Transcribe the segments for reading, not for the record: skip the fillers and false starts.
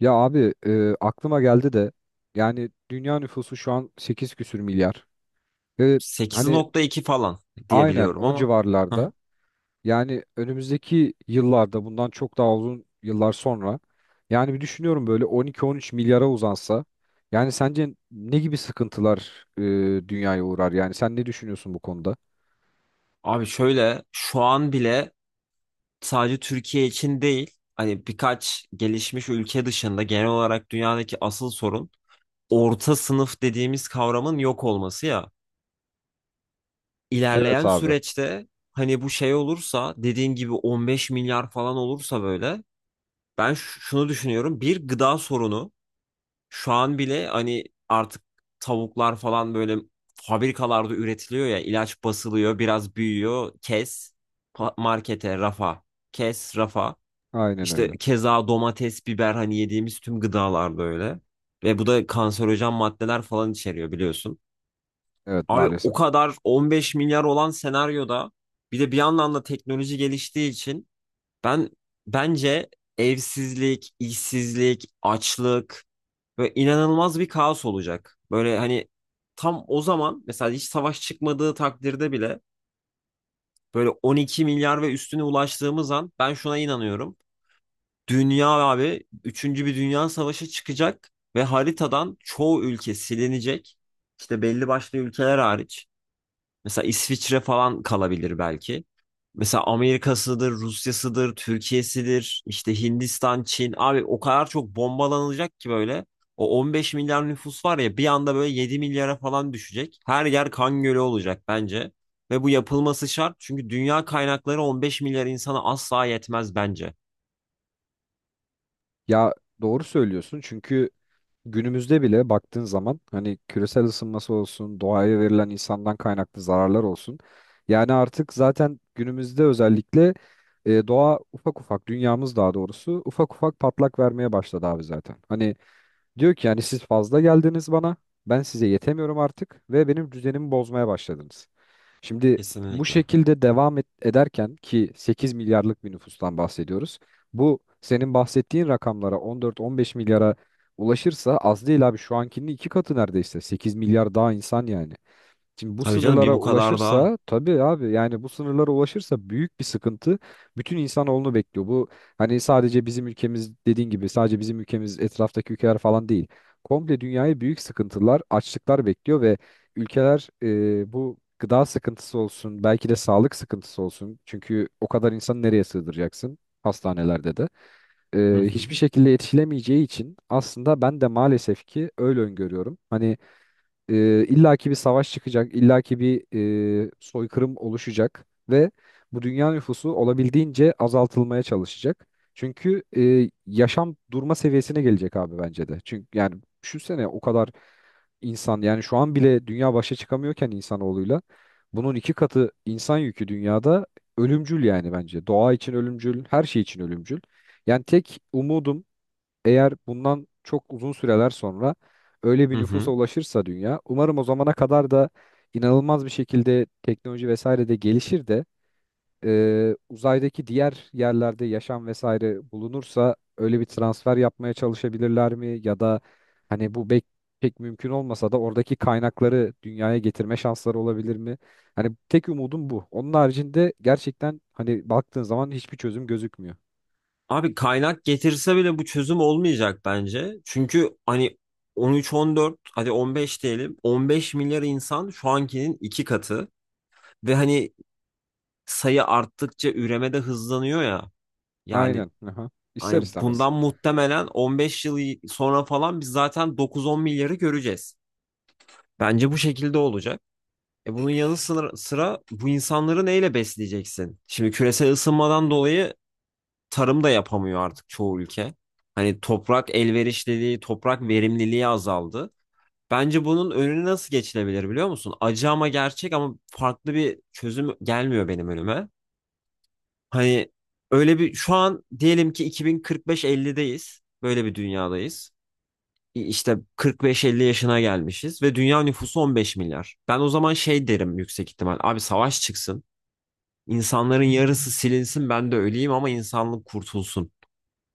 Ya abi aklıma geldi de yani dünya nüfusu şu an 8 küsür milyar. Ve hani 8.2 falan diye Aynen biliyorum o ama. Hı civarlarda. hı. Yani önümüzdeki yıllarda, bundan çok daha uzun yıllar sonra, yani bir düşünüyorum, böyle on iki on üç milyara uzansa, yani sence ne gibi sıkıntılar dünyaya uğrar? Yani sen ne düşünüyorsun bu konuda? Abi şöyle, şu an bile sadece Türkiye için değil, hani birkaç gelişmiş ülke dışında genel olarak dünyadaki asıl sorun orta sınıf dediğimiz kavramın yok olması ya. Evet İlerleyen abi, süreçte hani bu şey olursa, dediğin gibi 15 milyar falan olursa böyle, ben şunu düşünüyorum, bir gıda sorunu. Şu an bile hani artık tavuklar falan böyle fabrikalarda üretiliyor ya, ilaç basılıyor, biraz büyüyor kes, markete rafa, kes rafa. aynen İşte öyle. keza domates, biber, hani yediğimiz tüm gıdalar böyle ve bu da kanserojen maddeler falan içeriyor, biliyorsun. Evet, Abi o maalesef. kadar, 15 milyar olan senaryoda bir de bir yandan da teknoloji geliştiği için ben bence evsizlik, işsizlik, açlık ve inanılmaz bir kaos olacak. Böyle hani tam o zaman mesela hiç savaş çıkmadığı takdirde bile böyle 12 milyar ve üstüne ulaştığımız an ben şuna inanıyorum. Dünya abi, üçüncü bir dünya savaşı çıkacak ve haritadan çoğu ülke silinecek. İşte belli başlı ülkeler hariç. Mesela İsviçre falan kalabilir belki. Mesela Amerika'sıdır, Rusya'sıdır, Türkiye'sidir, işte Hindistan, Çin. Abi o kadar çok bombalanılacak ki böyle. O 15 milyar nüfus var ya, bir anda böyle 7 milyara falan düşecek. Her yer kan gölü olacak bence. Ve bu yapılması şart, çünkü dünya kaynakları 15 milyar insana asla yetmez bence. Ya, doğru söylüyorsun çünkü günümüzde bile baktığın zaman, hani küresel ısınması olsun, doğaya verilen insandan kaynaklı zararlar olsun. Yani artık zaten günümüzde özellikle doğa ufak ufak, dünyamız daha doğrusu ufak ufak patlak vermeye başladı abi zaten. Hani diyor ki, yani siz fazla geldiniz bana. Ben size yetemiyorum artık ve benim düzenimi bozmaya başladınız. Şimdi bu Kesinlikle. şekilde devam et, ederken ki 8 milyarlık bir nüfustan bahsediyoruz. Bu senin bahsettiğin rakamlara, on dört on beş milyara ulaşırsa, az değil abi, şu ankinin iki katı neredeyse. Sekiz milyar daha insan yani. Şimdi bu Tabii canım, bir sınırlara bu kadar daha. ulaşırsa tabii abi, yani bu sınırlara ulaşırsa büyük bir sıkıntı bütün insanoğlunu bekliyor. Bu, hani sadece bizim ülkemiz, dediğin gibi sadece bizim ülkemiz, etraftaki ülkeler falan değil. Komple dünyayı büyük sıkıntılar, açlıklar bekliyor ve ülkeler, bu gıda sıkıntısı olsun, belki de sağlık sıkıntısı olsun. Çünkü o kadar insanı nereye sığdıracaksın? Hastanelerde de Hı hı. hiçbir şekilde yetişilemeyeceği için, aslında ben de maalesef ki öyle öngörüyorum. Hani illaki bir savaş çıkacak, illaki bir soykırım oluşacak ve bu dünya nüfusu olabildiğince azaltılmaya çalışacak. Çünkü yaşam durma seviyesine gelecek abi, bence de. Çünkü yani düşünsene, o kadar insan, yani şu an bile dünya başa çıkamıyorken insanoğluyla, bunun iki katı insan yükü dünyada ölümcül yani bence. Doğa için ölümcül, her şey için ölümcül. Yani tek umudum, eğer bundan çok uzun süreler sonra öyle bir Hı nüfusa hı. ulaşırsa dünya, umarım o zamana kadar da inanılmaz bir şekilde teknoloji vesaire de gelişir de uzaydaki diğer yerlerde yaşam vesaire bulunursa, öyle bir transfer yapmaya çalışabilirler mi? Ya da hani bu bek pek mümkün olmasa da oradaki kaynakları dünyaya getirme şansları olabilir mi? Hani tek umudum bu. Onun haricinde gerçekten, hani baktığın zaman hiçbir çözüm gözükmüyor. Abi kaynak getirse bile bu çözüm olmayacak bence. Çünkü hani 13-14, hadi 15 diyelim, 15 milyar insan şu ankinin iki katı ve hani sayı arttıkça üreme de hızlanıyor ya. Yani Aynen. Aha. İster hani istemez. bundan muhtemelen 15 yıl sonra falan biz zaten 9-10 milyarı göreceğiz. Bence bu şekilde olacak. E bunun yanı sıra, bu insanları neyle besleyeceksin? Şimdi küresel ısınmadan dolayı tarım da yapamıyor artık çoğu ülke. Hani toprak elverişliliği, toprak verimliliği azaldı. Bence bunun önüne nasıl geçilebilir, biliyor musun? Acı ama gerçek, ama farklı bir çözüm gelmiyor benim önüme. Hani öyle, bir şu an diyelim ki 2045-50'deyiz. Böyle bir dünyadayız. İşte 45-50 yaşına gelmişiz ve dünya nüfusu 15 milyar. Ben o zaman şey derim, yüksek ihtimal. Abi savaş çıksın. İnsanların yarısı silinsin, ben de öleyim ama insanlık kurtulsun.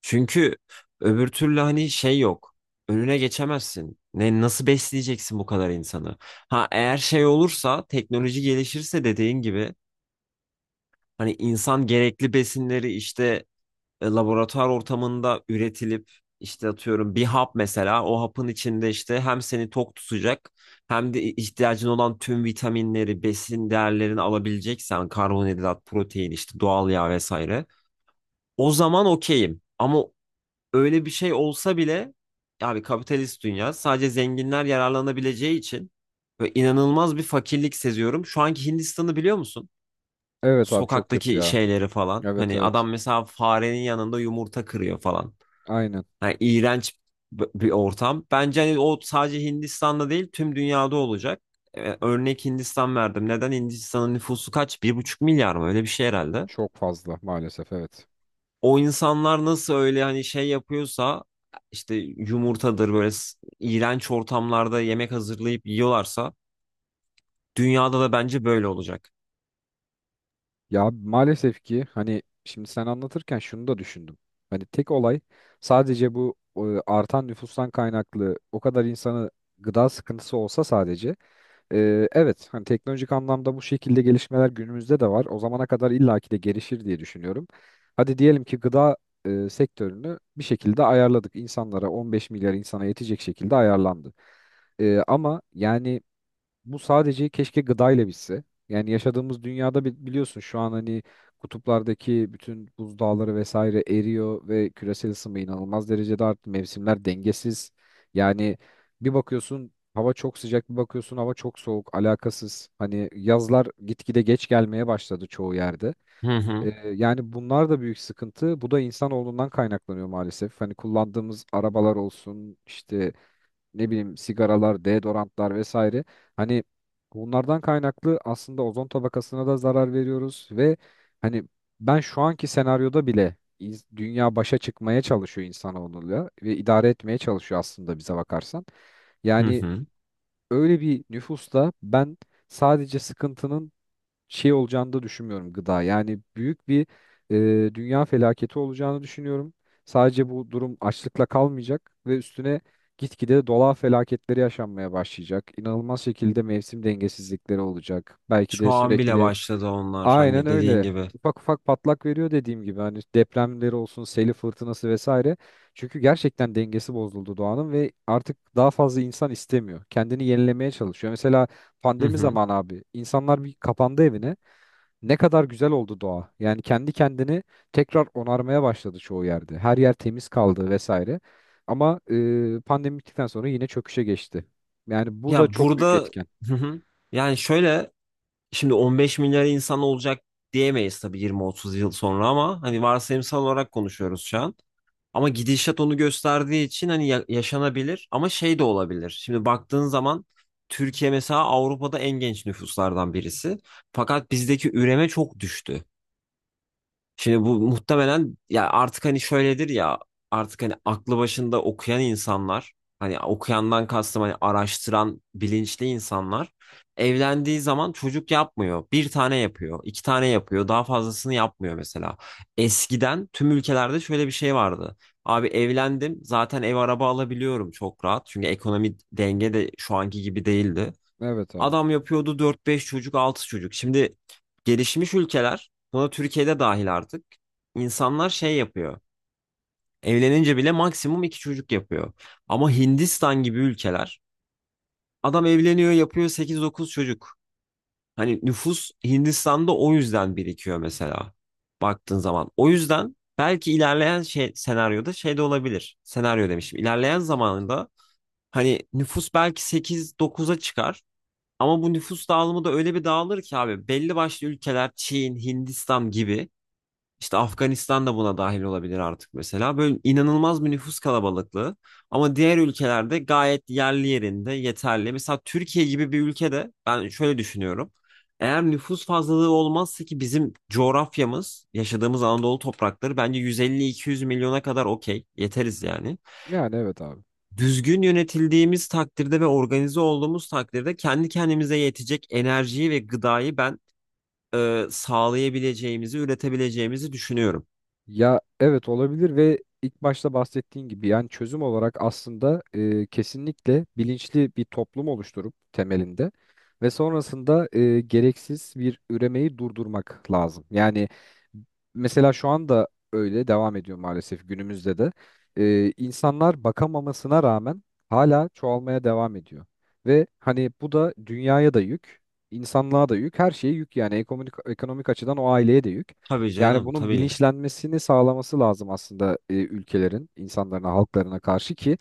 Çünkü öbür türlü hani şey yok. Önüne geçemezsin. Ne, nasıl besleyeceksin bu kadar insanı? Ha, eğer şey olursa, teknoloji gelişirse dediğin gibi, hani insan gerekli besinleri işte laboratuvar ortamında üretilip, işte atıyorum bir hap mesela, o hapın içinde işte hem seni tok tutacak hem de ihtiyacın olan tüm vitaminleri, besin değerlerini alabileceksen, karbonhidrat, protein, işte doğal yağ vesaire. O zaman okeyim. Ama öyle bir şey olsa bile, abi kapitalist dünya sadece zenginler yararlanabileceği için ve inanılmaz bir fakirlik seziyorum. Şu anki Hindistan'ı biliyor musun? Evet abi, çok kötü Sokaktaki ya. şeyleri falan. Evet, Hani evet. adam mesela farenin yanında yumurta kırıyor falan. Aynen. Yani iğrenç bir ortam. Bence hani o sadece Hindistan'da değil, tüm dünyada olacak. Örnek Hindistan verdim. Neden? Hindistan'ın nüfusu kaç, 1,5 milyar mı? Öyle bir şey herhalde. Çok fazla maalesef, evet. O insanlar nasıl öyle hani şey yapıyorsa, işte yumurtadır böyle, iğrenç ortamlarda yemek hazırlayıp yiyorlarsa, dünyada da bence böyle olacak. Ya abi, maalesef ki hani şimdi sen anlatırken şunu da düşündüm. Hani tek olay sadece bu, artan nüfustan kaynaklı o kadar insanı, gıda sıkıntısı olsa sadece, evet hani teknolojik anlamda bu şekilde gelişmeler günümüzde de var. O zamana kadar illaki de gelişir diye düşünüyorum. Hadi diyelim ki gıda sektörünü bir şekilde ayarladık. İnsanlara 15 milyar insana yetecek şekilde ayarlandı. Ama yani bu sadece keşke gıdayla bitse. Yani yaşadığımız dünyada biliyorsun şu an hani kutuplardaki bütün buzdağları vesaire eriyor ve küresel ısınma inanılmaz derecede arttı. Mevsimler dengesiz. Yani bir bakıyorsun hava çok sıcak, bir bakıyorsun hava çok soğuk, alakasız. Hani yazlar gitgide geç gelmeye başladı çoğu yerde. Hı hı. Ee, Yani bunlar da büyük sıkıntı. Bu da insanoğlundan kaynaklanıyor maalesef. Hani kullandığımız arabalar olsun, işte ne bileyim sigaralar, deodorantlar vesaire. Hani bunlardan kaynaklı aslında ozon tabakasına da zarar veriyoruz ve hani ben şu anki senaryoda bile dünya başa çıkmaya çalışıyor insanoğluyla ve idare etmeye çalışıyor aslında, bize bakarsan. Hı Yani hı. öyle bir nüfusta ben sadece sıkıntının şey olacağını da düşünmüyorum, gıda. Yani büyük bir dünya felaketi olacağını düşünüyorum. Sadece bu durum açlıkla kalmayacak ve üstüne gitgide dolar felaketleri yaşanmaya başlayacak. İnanılmaz şekilde mevsim dengesizlikleri olacak. Belki Şu de an bile sürekli başladı onlar, aynen hani dediğin öyle. gibi. Ufak ufak patlak veriyor dediğim gibi, hani depremleri olsun, seli fırtınası vesaire. Çünkü gerçekten dengesi bozuldu doğanın ve artık daha fazla insan istemiyor. Kendini yenilemeye çalışıyor. Mesela Hı pandemi hı. zamanı abi, insanlar bir kapandı evine. Ne kadar güzel oldu doğa. Yani kendi kendini tekrar onarmaya başladı çoğu yerde. Her yer temiz kaldı vesaire. Ama pandemi bittikten sonra yine çöküşe geçti. Yani bu da Ya çok büyük burada, etken. hı hı. Yani şöyle, şimdi 15 milyar insan olacak diyemeyiz tabii, 20-30 yıl sonra, ama hani varsayımsal olarak konuşuyoruz şu an. Ama gidişat onu gösterdiği için, hani yaşanabilir ama şey de olabilir. Şimdi baktığın zaman Türkiye mesela Avrupa'da en genç nüfuslardan birisi. Fakat bizdeki üreme çok düştü. Şimdi bu muhtemelen ya, artık hani şöyledir ya, artık hani aklı başında okuyan insanlar, hani okuyandan kastım hani araştıran bilinçli insanlar, evlendiği zaman çocuk yapmıyor. Bir tane yapıyor, iki tane yapıyor, daha fazlasını yapmıyor mesela. Eskiden tüm ülkelerde şöyle bir şey vardı. Abi evlendim zaten, ev araba alabiliyorum çok rahat. Çünkü ekonomi denge de şu anki gibi değildi. Evet abi. Adam yapıyordu dört beş çocuk, 6 çocuk. Şimdi gelişmiş ülkeler, buna Türkiye'de dahil artık, insanlar şey yapıyor, evlenince bile maksimum 2 çocuk yapıyor. Ama Hindistan gibi ülkeler, adam evleniyor, yapıyor sekiz dokuz çocuk. Hani nüfus Hindistan'da o yüzden birikiyor mesela. Baktığın zaman. O yüzden belki ilerleyen şey, senaryoda şey de olabilir. Senaryo demişim. İlerleyen zamanında hani nüfus belki sekiz dokuz'a çıkar. Ama bu nüfus dağılımı da öyle bir dağılır ki, abi belli başlı ülkeler Çin, Hindistan gibi, işte Afganistan da buna dahil olabilir artık mesela. Böyle inanılmaz bir nüfus kalabalıklığı, ama diğer ülkelerde gayet yerli yerinde, yeterli. Mesela Türkiye gibi bir ülkede ben şöyle düşünüyorum. Eğer nüfus fazlalığı olmazsa ki, bizim coğrafyamız, yaşadığımız Anadolu toprakları bence 150-200 milyona kadar okey. Yeteriz yani. Yani evet abi. Düzgün yönetildiğimiz takdirde ve organize olduğumuz takdirde kendi kendimize yetecek enerjiyi ve gıdayı ben sağlayabileceğimizi, üretebileceğimizi düşünüyorum. Ya evet, olabilir ve ilk başta bahsettiğin gibi yani çözüm olarak aslında, kesinlikle bilinçli bir toplum oluşturup temelinde ve sonrasında gereksiz bir üremeyi durdurmak lazım. Yani mesela şu anda öyle devam ediyor maalesef, günümüzde de insanlar bakamamasına rağmen hala çoğalmaya devam ediyor. Ve hani bu da dünyaya da yük, insanlığa da yük, her şeye yük, yani ekonomik, ekonomik açıdan o aileye de yük. Tabii Yani canım, bunun tabii. bilinçlenmesini sağlaması lazım aslında, ülkelerin, insanlarına, halklarına karşı, ki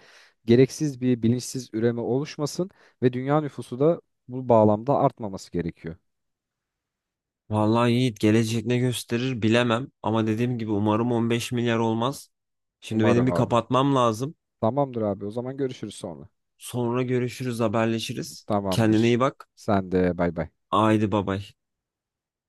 gereksiz bir bilinçsiz üreme oluşmasın ve dünya nüfusu da bu bağlamda artmaması gerekiyor. Vallahi Yiğit, gelecek ne gösterir bilemem, ama dediğim gibi umarım 15 milyar olmaz. Şimdi benim Umarım bir abi. kapatmam lazım. Tamamdır abi. O zaman görüşürüz sonra. Sonra görüşürüz, haberleşiriz. Kendine Tamamdır. iyi bak. Sen de bay bay. Haydi babay.